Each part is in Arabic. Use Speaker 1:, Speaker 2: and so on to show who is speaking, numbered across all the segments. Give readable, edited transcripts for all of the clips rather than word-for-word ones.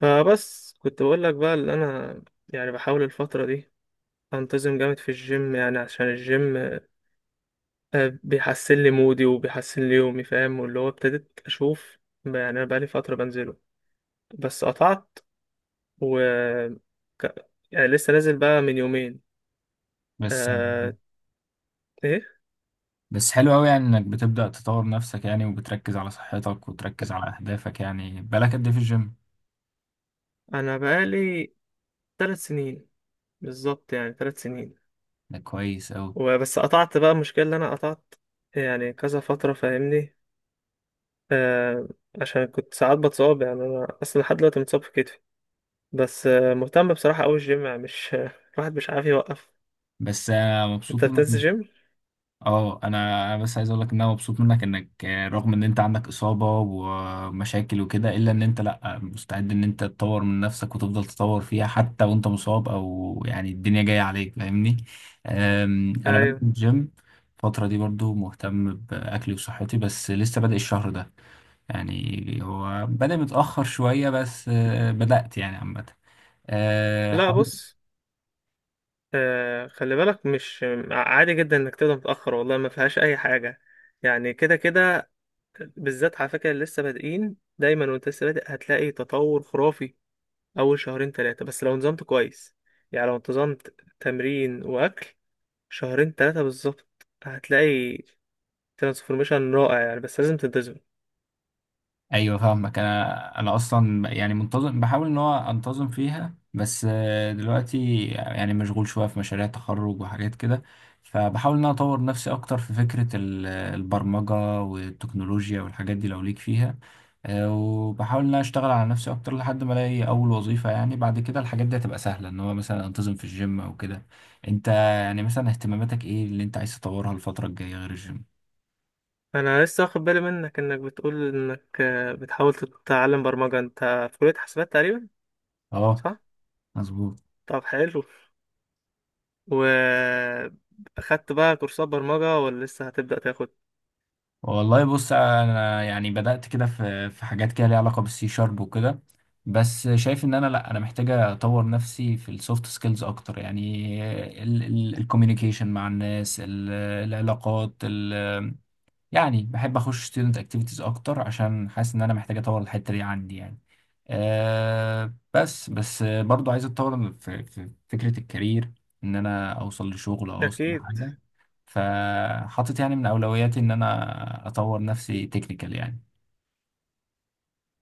Speaker 1: فبس كنت بقول لك بقى اللي انا يعني بحاول الفترة دي انتظم جامد في الجيم، يعني عشان الجيم بيحسن لي مودي وبيحسن لي يومي فاهم، واللي هو ابتديت اشوف يعني انا بقالي فترة بنزله بس قطعت و ك- يعني لسه نازل بقى من يومين.
Speaker 2: بس
Speaker 1: أه. ايه،
Speaker 2: بس حلو قوي، يعني انك بتبدأ تطور نفسك، يعني وبتركز على صحتك وتركز على اهدافك. يعني بالك قد ايه في الجيم؟
Speaker 1: انا بقالي 3 سنين بالظبط، يعني 3 سنين
Speaker 2: ده كويس قوي.
Speaker 1: وبس قطعت بقى. المشكلة اللي انا قطعت يعني كذا فترة فاهمني آه عشان كنت ساعات بتصاب، يعني انا اصلا لحد دلوقتي متصاب في كتفي، بس مهتم بصراحه قوي الجيم يعني، مش الواحد مش عارف يوقف.
Speaker 2: بس انا
Speaker 1: انت
Speaker 2: مبسوط منك
Speaker 1: بتنزل جيم؟
Speaker 2: اه انا بس عايز اقول لك ان انا مبسوط منك انك رغم ان انت عندك اصابة ومشاكل وكده، الا ان انت لا مستعد ان انت تطور من نفسك وتفضل تطور فيها حتى وانت مصاب او يعني الدنيا جاية عليك، فاهمني؟ انا بنزل
Speaker 1: ايوه.
Speaker 2: الجيم الفترة دي، برضو مهتم بأكلي وصحتي بس لسه بادئ الشهر ده. يعني هو بدأ متأخر شوية بس بدأت يعني، عامة
Speaker 1: لا
Speaker 2: حاولت.
Speaker 1: بص، خلي بالك، مش عادي جدا انك تبدا متاخر، والله ما فيهاش اي حاجه يعني كده كده. بالذات على فكره اللي لسه بادئين دايما، وانت لسه بادئ هتلاقي تطور خرافي اول شهرين ثلاثه، بس لو نظمت كويس، يعني لو انتظمت تمرين واكل شهرين ثلاثه بالظبط هتلاقي ترانسفورميشن رائع يعني، بس لازم تنتظم.
Speaker 2: ايوه فاهمك، انا اصلا يعني منتظم، بحاول ان هو انتظم فيها بس دلوقتي يعني مشغول شويه في مشاريع تخرج وحاجات كده. فبحاول ان انا اطور نفسي اكتر في فكره البرمجه والتكنولوجيا والحاجات دي لو ليك فيها. وبحاول ان انا اشتغل على نفسي اكتر لحد ما الاقي اول وظيفه، يعني بعد كده الحاجات دي هتبقى سهله ان هو مثلا انتظم في الجيم او كده. انت يعني مثلا اهتماماتك ايه اللي انت عايز تطورها الفتره الجايه غير الجيم؟
Speaker 1: انا لسه واخد بالي منك انك بتقول انك بتحاول تتعلم برمجة، انت في كلية حاسبات تقريبا؟
Speaker 2: اه،
Speaker 1: صح.
Speaker 2: مظبوط.
Speaker 1: طب حلو، و اخدت بقى كورسات برمجة ولا لسه هتبدأ تاخد؟
Speaker 2: والله بص، انا يعني بدأت كده في حاجات كده ليها علاقة بالسي شارب وكده. بس شايف ان انا، لا، انا محتاج اطور نفسي في السوفت سكيلز اكتر يعني. الكوميونيكيشن مع الناس العلاقات. يعني بحب اخش ستودنت اكتيفيتيز اكتر عشان حاسس ان انا محتاج اطور الحته دي عندي يعني. بس برضو عايز اتطور في فكره الكارير، ان انا اوصل لشغل او اوصل
Speaker 1: اكيد.
Speaker 2: لحاجه. فحاطط يعني من اولوياتي ان انا اطور نفسي تكنيكال يعني.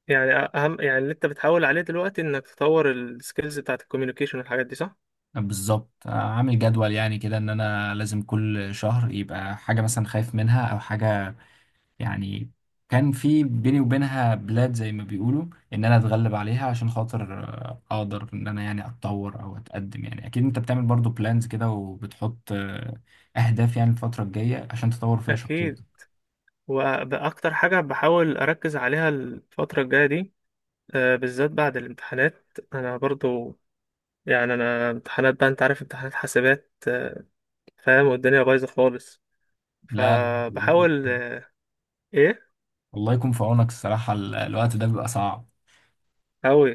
Speaker 1: يعني اهم، يعني اللي انت بتحاول عليه دلوقتي انك تطور السكيلز بتاعت الكوميونيكيشن والحاجات دي، صح.
Speaker 2: بالظبط، عامل جدول يعني كده ان انا لازم كل شهر يبقى حاجه مثلا خايف منها، او حاجه يعني كان في بيني وبينها بلاد زي ما بيقولوا، ان انا اتغلب عليها عشان خاطر اقدر ان انا يعني اتطور او اتقدم. يعني اكيد انت بتعمل برضو بلانز كده، وبتحط اهداف يعني الفترة الجاية عشان تطور فيها
Speaker 1: اكيد،
Speaker 2: شخصيتك.
Speaker 1: واكتر حاجة بحاول اركز عليها الفترة الجاية دي بالذات بعد الامتحانات. انا برضو يعني انا امتحانات بقى، انت عارف امتحانات حاسبات فاهم، والدنيا بايظه خالص.
Speaker 2: لا،
Speaker 1: فبحاول ايه.
Speaker 2: الله يكون في عونك الصراحة، الوقت ده بيبقى صعب.
Speaker 1: اوي.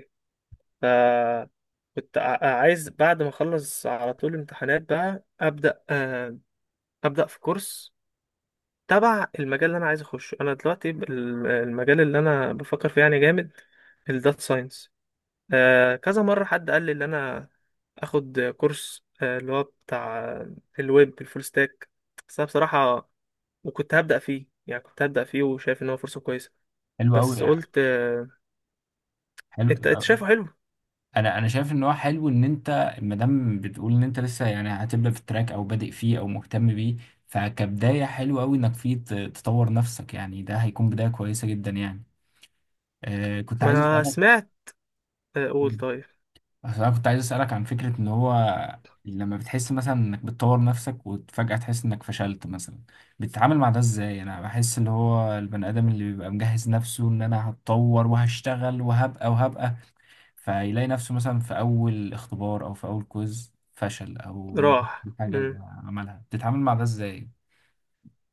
Speaker 1: ف عايز بعد ما اخلص على طول امتحانات بقى ابدا ابدا في كورس تبع المجال اللي انا عايز اخشه. انا دلوقتي المجال اللي انا بفكر فيه يعني جامد، الداتا ساينس. كذا مره حد قال لي ان انا اخد كورس اللي هو بتاع الويب، الفول ستاك. بس أنا بصراحه وكنت هبدأ فيه، يعني كنت هبدأ فيه وشايف ان هو فرصة كويسة
Speaker 2: حلو قوي.
Speaker 1: بس قلت
Speaker 2: حلو.
Speaker 1: انت شايفه حلو؟
Speaker 2: انا شايف ان هو حلو ان انت ما دام بتقول ان انت لسه يعني هتبدا في التراك او بادئ فيه او مهتم بيه. فكبدايه حلو قوي انك فيه تطور نفسك يعني، ده هيكون بدايه كويسه جدا يعني. كنت
Speaker 1: ما
Speaker 2: عايز
Speaker 1: انا
Speaker 2: اسالك.
Speaker 1: سمعت. قول. طيب.
Speaker 2: أصل انا كنت عايز اسالك عن فكره ان هو لما بتحس مثلا انك بتطور نفسك وفجاه تحس انك فشلت مثلا، بتتعامل مع ده ازاي؟ انا بحس اللي هو البني ادم اللي بيبقى مجهز نفسه ان انا هتطور وهشتغل وهبقى وهبقى، فيلاقي نفسه مثلا في أول اختبار أو في أول كويز فشل، أو ما جابش
Speaker 1: راح.
Speaker 2: الحاجة اللي عملها، بتتعامل مع ده إزاي؟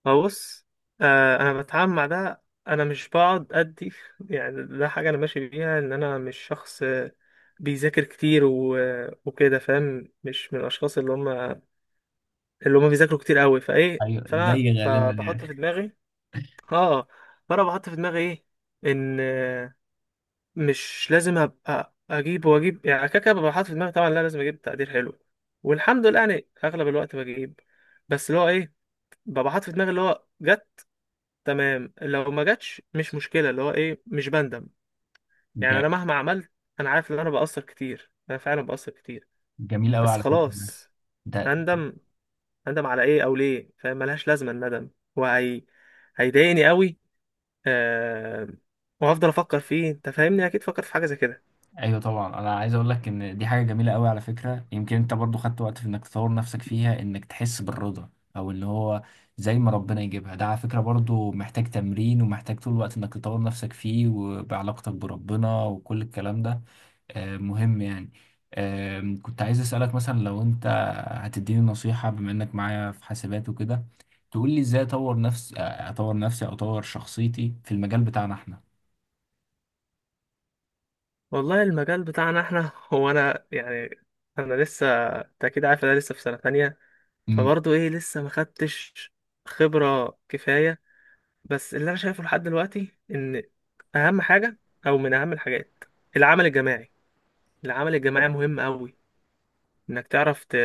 Speaker 1: بص، انا بتعامل مع ده، انا مش بقعد ادي، يعني ده حاجة انا ماشي بيها، ان انا مش شخص بيذاكر كتير وكده فاهم، مش من الاشخاص اللي هم اللي هم بيذاكروا كتير قوي فايه
Speaker 2: أيوه، زي غالبا
Speaker 1: بحط في
Speaker 2: يعني.
Speaker 1: دماغي. اه. فانا بحط في دماغي ايه؟ ان مش لازم ابقى اجيب واجيب، يعني كده كده ببقى حاطط في دماغي طبعا لا، لازم اجيب تقدير حلو، والحمد لله يعني اغلب الوقت بجيب، بس اللي هو ايه، ببقى حاطط في دماغي اللي هو جت تمام، لو ما جاتش مش مشكله، اللي هو ايه مش بندم يعني.
Speaker 2: ج-
Speaker 1: انا مهما عملت انا عارف ان انا بقصر كتير، انا فعلا بقصر كتير
Speaker 2: جميل أوي
Speaker 1: بس
Speaker 2: على فكرة ده.
Speaker 1: خلاص.
Speaker 2: ده-
Speaker 1: اندم؟ اندم على ايه او ليه؟ فاهم ملهاش لازمه الندم، وهي هيضايقني قوي آه... وهفضل افكر فيه، انت فاهمني، اكيد فكرت في حاجه زي كده.
Speaker 2: أيوه طبعا، أنا عايز أقول لك إن دي حاجة جميلة أوي على فكرة. يمكن أنت برضو خدت وقت في إنك تطور نفسك فيها، إنك تحس بالرضا، أو اللي هو زي ما ربنا يجيبها. ده على فكرة برضو محتاج تمرين، ومحتاج طول الوقت إنك تطور نفسك فيه، وبعلاقتك بربنا وكل الكلام ده. مهم يعني. كنت عايز أسألك مثلا لو أنت هتديني نصيحة، بما إنك معايا في حاسبات وكده، تقول لي إزاي أطور نفسي، أطور نفسي أو أطور شخصيتي في المجال بتاعنا إحنا.
Speaker 1: والله المجال بتاعنا احنا، هو انا يعني انا لسه، انت اكيد عارف انا لسه في سنة تانية،
Speaker 2: مم.
Speaker 1: فبرضه ايه لسه ما خدتش خبرة كفاية. بس اللي انا شايفه لحد دلوقتي ان اهم حاجة، او من اهم الحاجات، العمل الجماعي. العمل الجماعي مهم قوي، انك تعرف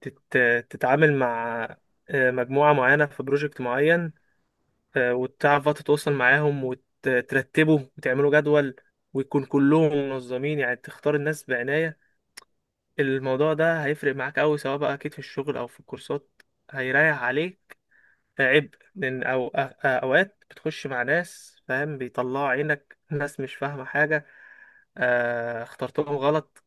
Speaker 1: تت... تتعامل مع مجموعة معينة في بروجكت معين، وتعرف بقى تتواصل معاهم وترتبه وتعملوا جدول، ويكون كلهم منظمين، يعني تختار الناس بعناية. الموضوع ده هيفرق معاك أوي، سواء بقى أكيد في الشغل أو في الكورسات، هيريح عليك عبء، أوقات بتخش مع ناس فاهم بيطلعوا عينك، ناس مش فاهمة حاجة اخترتهم غلط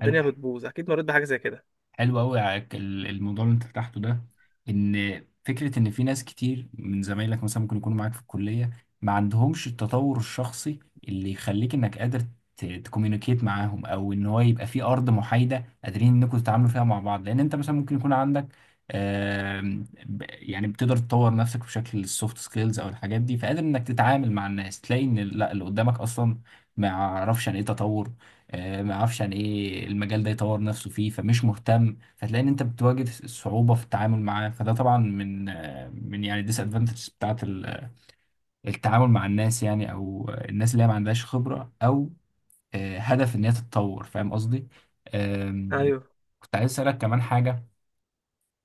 Speaker 2: حلو.
Speaker 1: بتبوظ، أكيد مريت بحاجة زي كده.
Speaker 2: حلو قوي. الموضوع اللي انت فتحته ده، ان فكره ان في ناس كتير من زمايلك مثلا ممكن يكونوا معاك في الكليه، ما عندهمش التطور الشخصي اللي يخليك انك قادر تكوميونيكيت معاهم، او ان هو يبقى في ارض محايده قادرين انكم تتعاملوا فيها مع بعض. لان انت مثلا ممكن يكون عندك يعني بتقدر تطور نفسك بشكل السوفت سكيلز او الحاجات دي، فقادر انك تتعامل مع الناس، تلاقي ان لا اللي قدامك اصلا ما يعرفش عن ايه تطور. ما يعرفش عن ايه المجال ده يطور نفسه فيه، فمش مهتم، فتلاقي ان انت بتواجه صعوبة في التعامل معاه. فده طبعا من من يعني الديس ادفانتجز بتاعت التعامل مع الناس يعني، او الناس اللي هي ما عندهاش خبرة او هدف ان هي تتطور، فاهم قصدي؟ آم،
Speaker 1: أيوه.
Speaker 2: كنت عايز اسالك كمان حاجة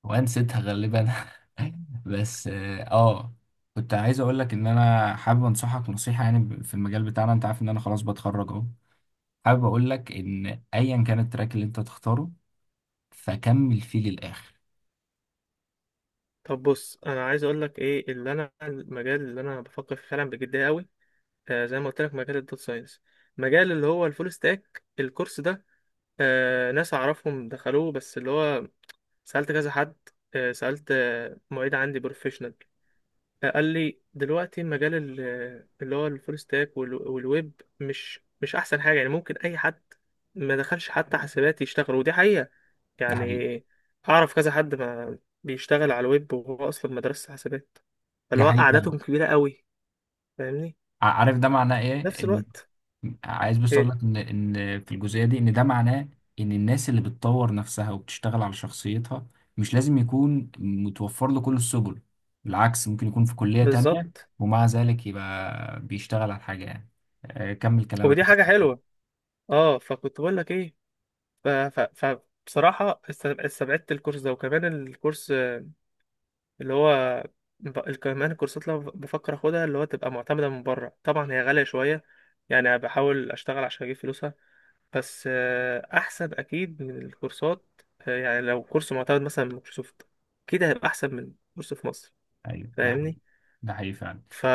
Speaker 2: وانا نسيتها غالبا، بس آه، كنت عايز اقول لك ان انا حابب انصحك نصيحة يعني في المجال بتاعنا. انت عارف ان انا خلاص بتخرج اهو. حابب اقول لك ان ايا كان التراك اللي انت تختاره، فكمل فيه للاخر.
Speaker 1: طب بص، أنا عايز أقول لك إيه اللي أنا، المجال اللي أنا بفكر فيه فعلا بجدية أوي زي ما قلت لك، مجال الداتا ساينس، مجال اللي هو الفول ستاك الكورس ده. ناس أعرفهم دخلوه، بس اللي هو سألت كذا حد، سألت معيد عندي بروفيشنال، قال لي دلوقتي مجال اللي هو الفول ستاك والويب مش احسن حاجة، يعني ممكن اي حد ما دخلش حتى حسابات يشتغل، ودي حقيقة
Speaker 2: ده
Speaker 1: يعني.
Speaker 2: حقيقي.
Speaker 1: اعرف كذا حد ما بيشتغل على الويب وهو اصلا مدرسة حسابات،
Speaker 2: ده
Speaker 1: فاللي هو
Speaker 2: حقيقي فعلا.
Speaker 1: قعدتهم كبيرة قوي فاهمني.
Speaker 2: عارف ده معناه
Speaker 1: في
Speaker 2: ايه،
Speaker 1: نفس
Speaker 2: ان
Speaker 1: الوقت
Speaker 2: عايز بس اقول
Speaker 1: ايه
Speaker 2: لك ان في الجزئيه دي، ان ده معناه ان الناس اللي بتطور نفسها وبتشتغل على شخصيتها، مش لازم يكون متوفر له كل السبل. بالعكس، ممكن يكون في كليه تانية
Speaker 1: بالظبط،
Speaker 2: ومع ذلك يبقى بيشتغل على حاجه يعني. كمل كلامك.
Speaker 1: ودي حاجة حلوة. اه، فكنت بقول لك ايه؟ ف... ف... ف... بصراحة استبعدت الكورس ده، وكمان الكورس اللي هو كمان الكورسات اللي أنا بفكر اخدها اللي هو تبقى معتمدة من بره، طبعا هي غالية شوية، يعني أنا بحاول اشتغل عشان اجيب فلوسها، بس احسن اكيد من الكورسات، يعني لو كورس معتمد مثلا من مايكروسوفت اكيد هيبقى احسن من كورس في مصر،
Speaker 2: ايوه، ده
Speaker 1: فاهمني.
Speaker 2: حقيقي. ده حقيقي فعلا.
Speaker 1: ف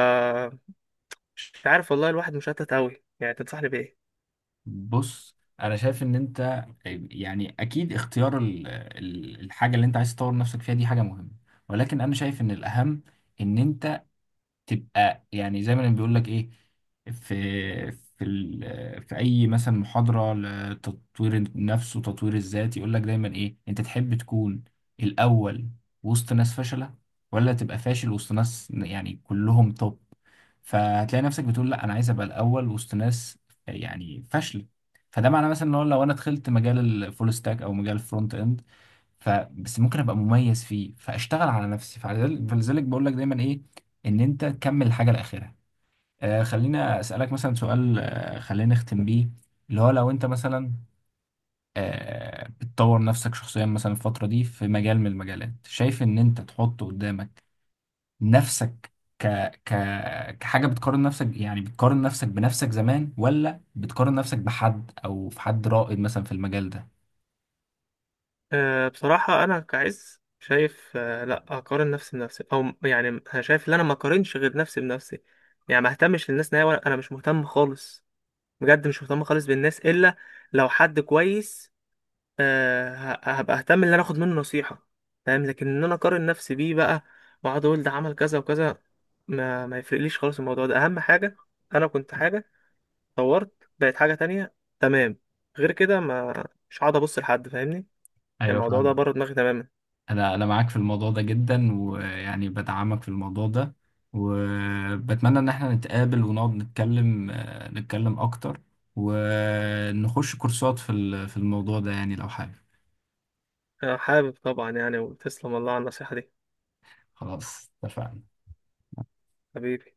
Speaker 1: مش عارف والله، الواحد مشتت اوي، يعني تنصحني بايه؟
Speaker 2: بص انا شايف ان انت يعني اكيد اختيار الحاجه اللي انت عايز تطور نفسك فيها دي حاجه مهمه. ولكن انا شايف ان الاهم ان انت تبقى يعني زي ما بيقول لك ايه، في في اي مثلا محاضره لتطوير النفس وتطوير الذات يقول لك دايما ايه، انت تحب تكون الاول وسط ناس فاشله، ولا تبقى فاشل وسط ناس يعني كلهم توب؟ فهتلاقي نفسك بتقول لا، انا عايز ابقى الاول وسط ناس يعني فاشله. فده معناه مثلا ان هو لو انا دخلت مجال الفول ستاك او مجال الفرونت اند، فبس ممكن ابقى مميز فيه، فاشتغل على نفسي، فلذلك بقول لك دايما ايه، ان انت تكمل الحاجه لاخرها. خلينا اسالك مثلا سؤال، خلينا نختم بيه، اللي هو لو انت مثلا بتطور نفسك شخصيا مثلا الفتره دي في مجال من المجالات، شايف ان انت تحط قدامك نفسك ك... ك... كحاجة بتقارن نفسك، يعني بتقارن نفسك بنفسك زمان ولا بتقارن نفسك بحد أو في حد رائد مثلا في المجال ده؟
Speaker 1: أه بصراحة انا كعز شايف، أه لا، اقارن نفسي بنفسي او يعني أنا شايف ان انا ما اقارنش غير نفسي بنفسي، يعني ما اهتمش للناس نهائي، وانا مش مهتم خالص، بجد مش مهتم خالص بالناس، الا لو حد كويس هبقى اهتم ان انا اخد منه نصيحة فاهم، لكن ان انا اقارن نفسي بيه بقى، واقعد اقول ده عمل كذا وكذا، ما يفرقليش خالص الموضوع ده. اهم حاجة، انا كنت حاجة طورت بقت حاجة تانية تمام، غير كده ما، مش هقعد ابص لحد فاهمني، يعني
Speaker 2: أيوة،
Speaker 1: الموضوع ده
Speaker 2: فاهم.
Speaker 1: بره دماغي تماما.
Speaker 2: أنا معاك في الموضوع ده جدا ويعني بدعمك في الموضوع ده. وبتمنى إن احنا نتقابل ونقعد نتكلم أكتر ونخش كورسات في الموضوع ده يعني لو حابب.
Speaker 1: انا حابب طبعا يعني، وتسلم والله على النصيحة دي،
Speaker 2: خلاص، اتفقنا.
Speaker 1: حبيبي.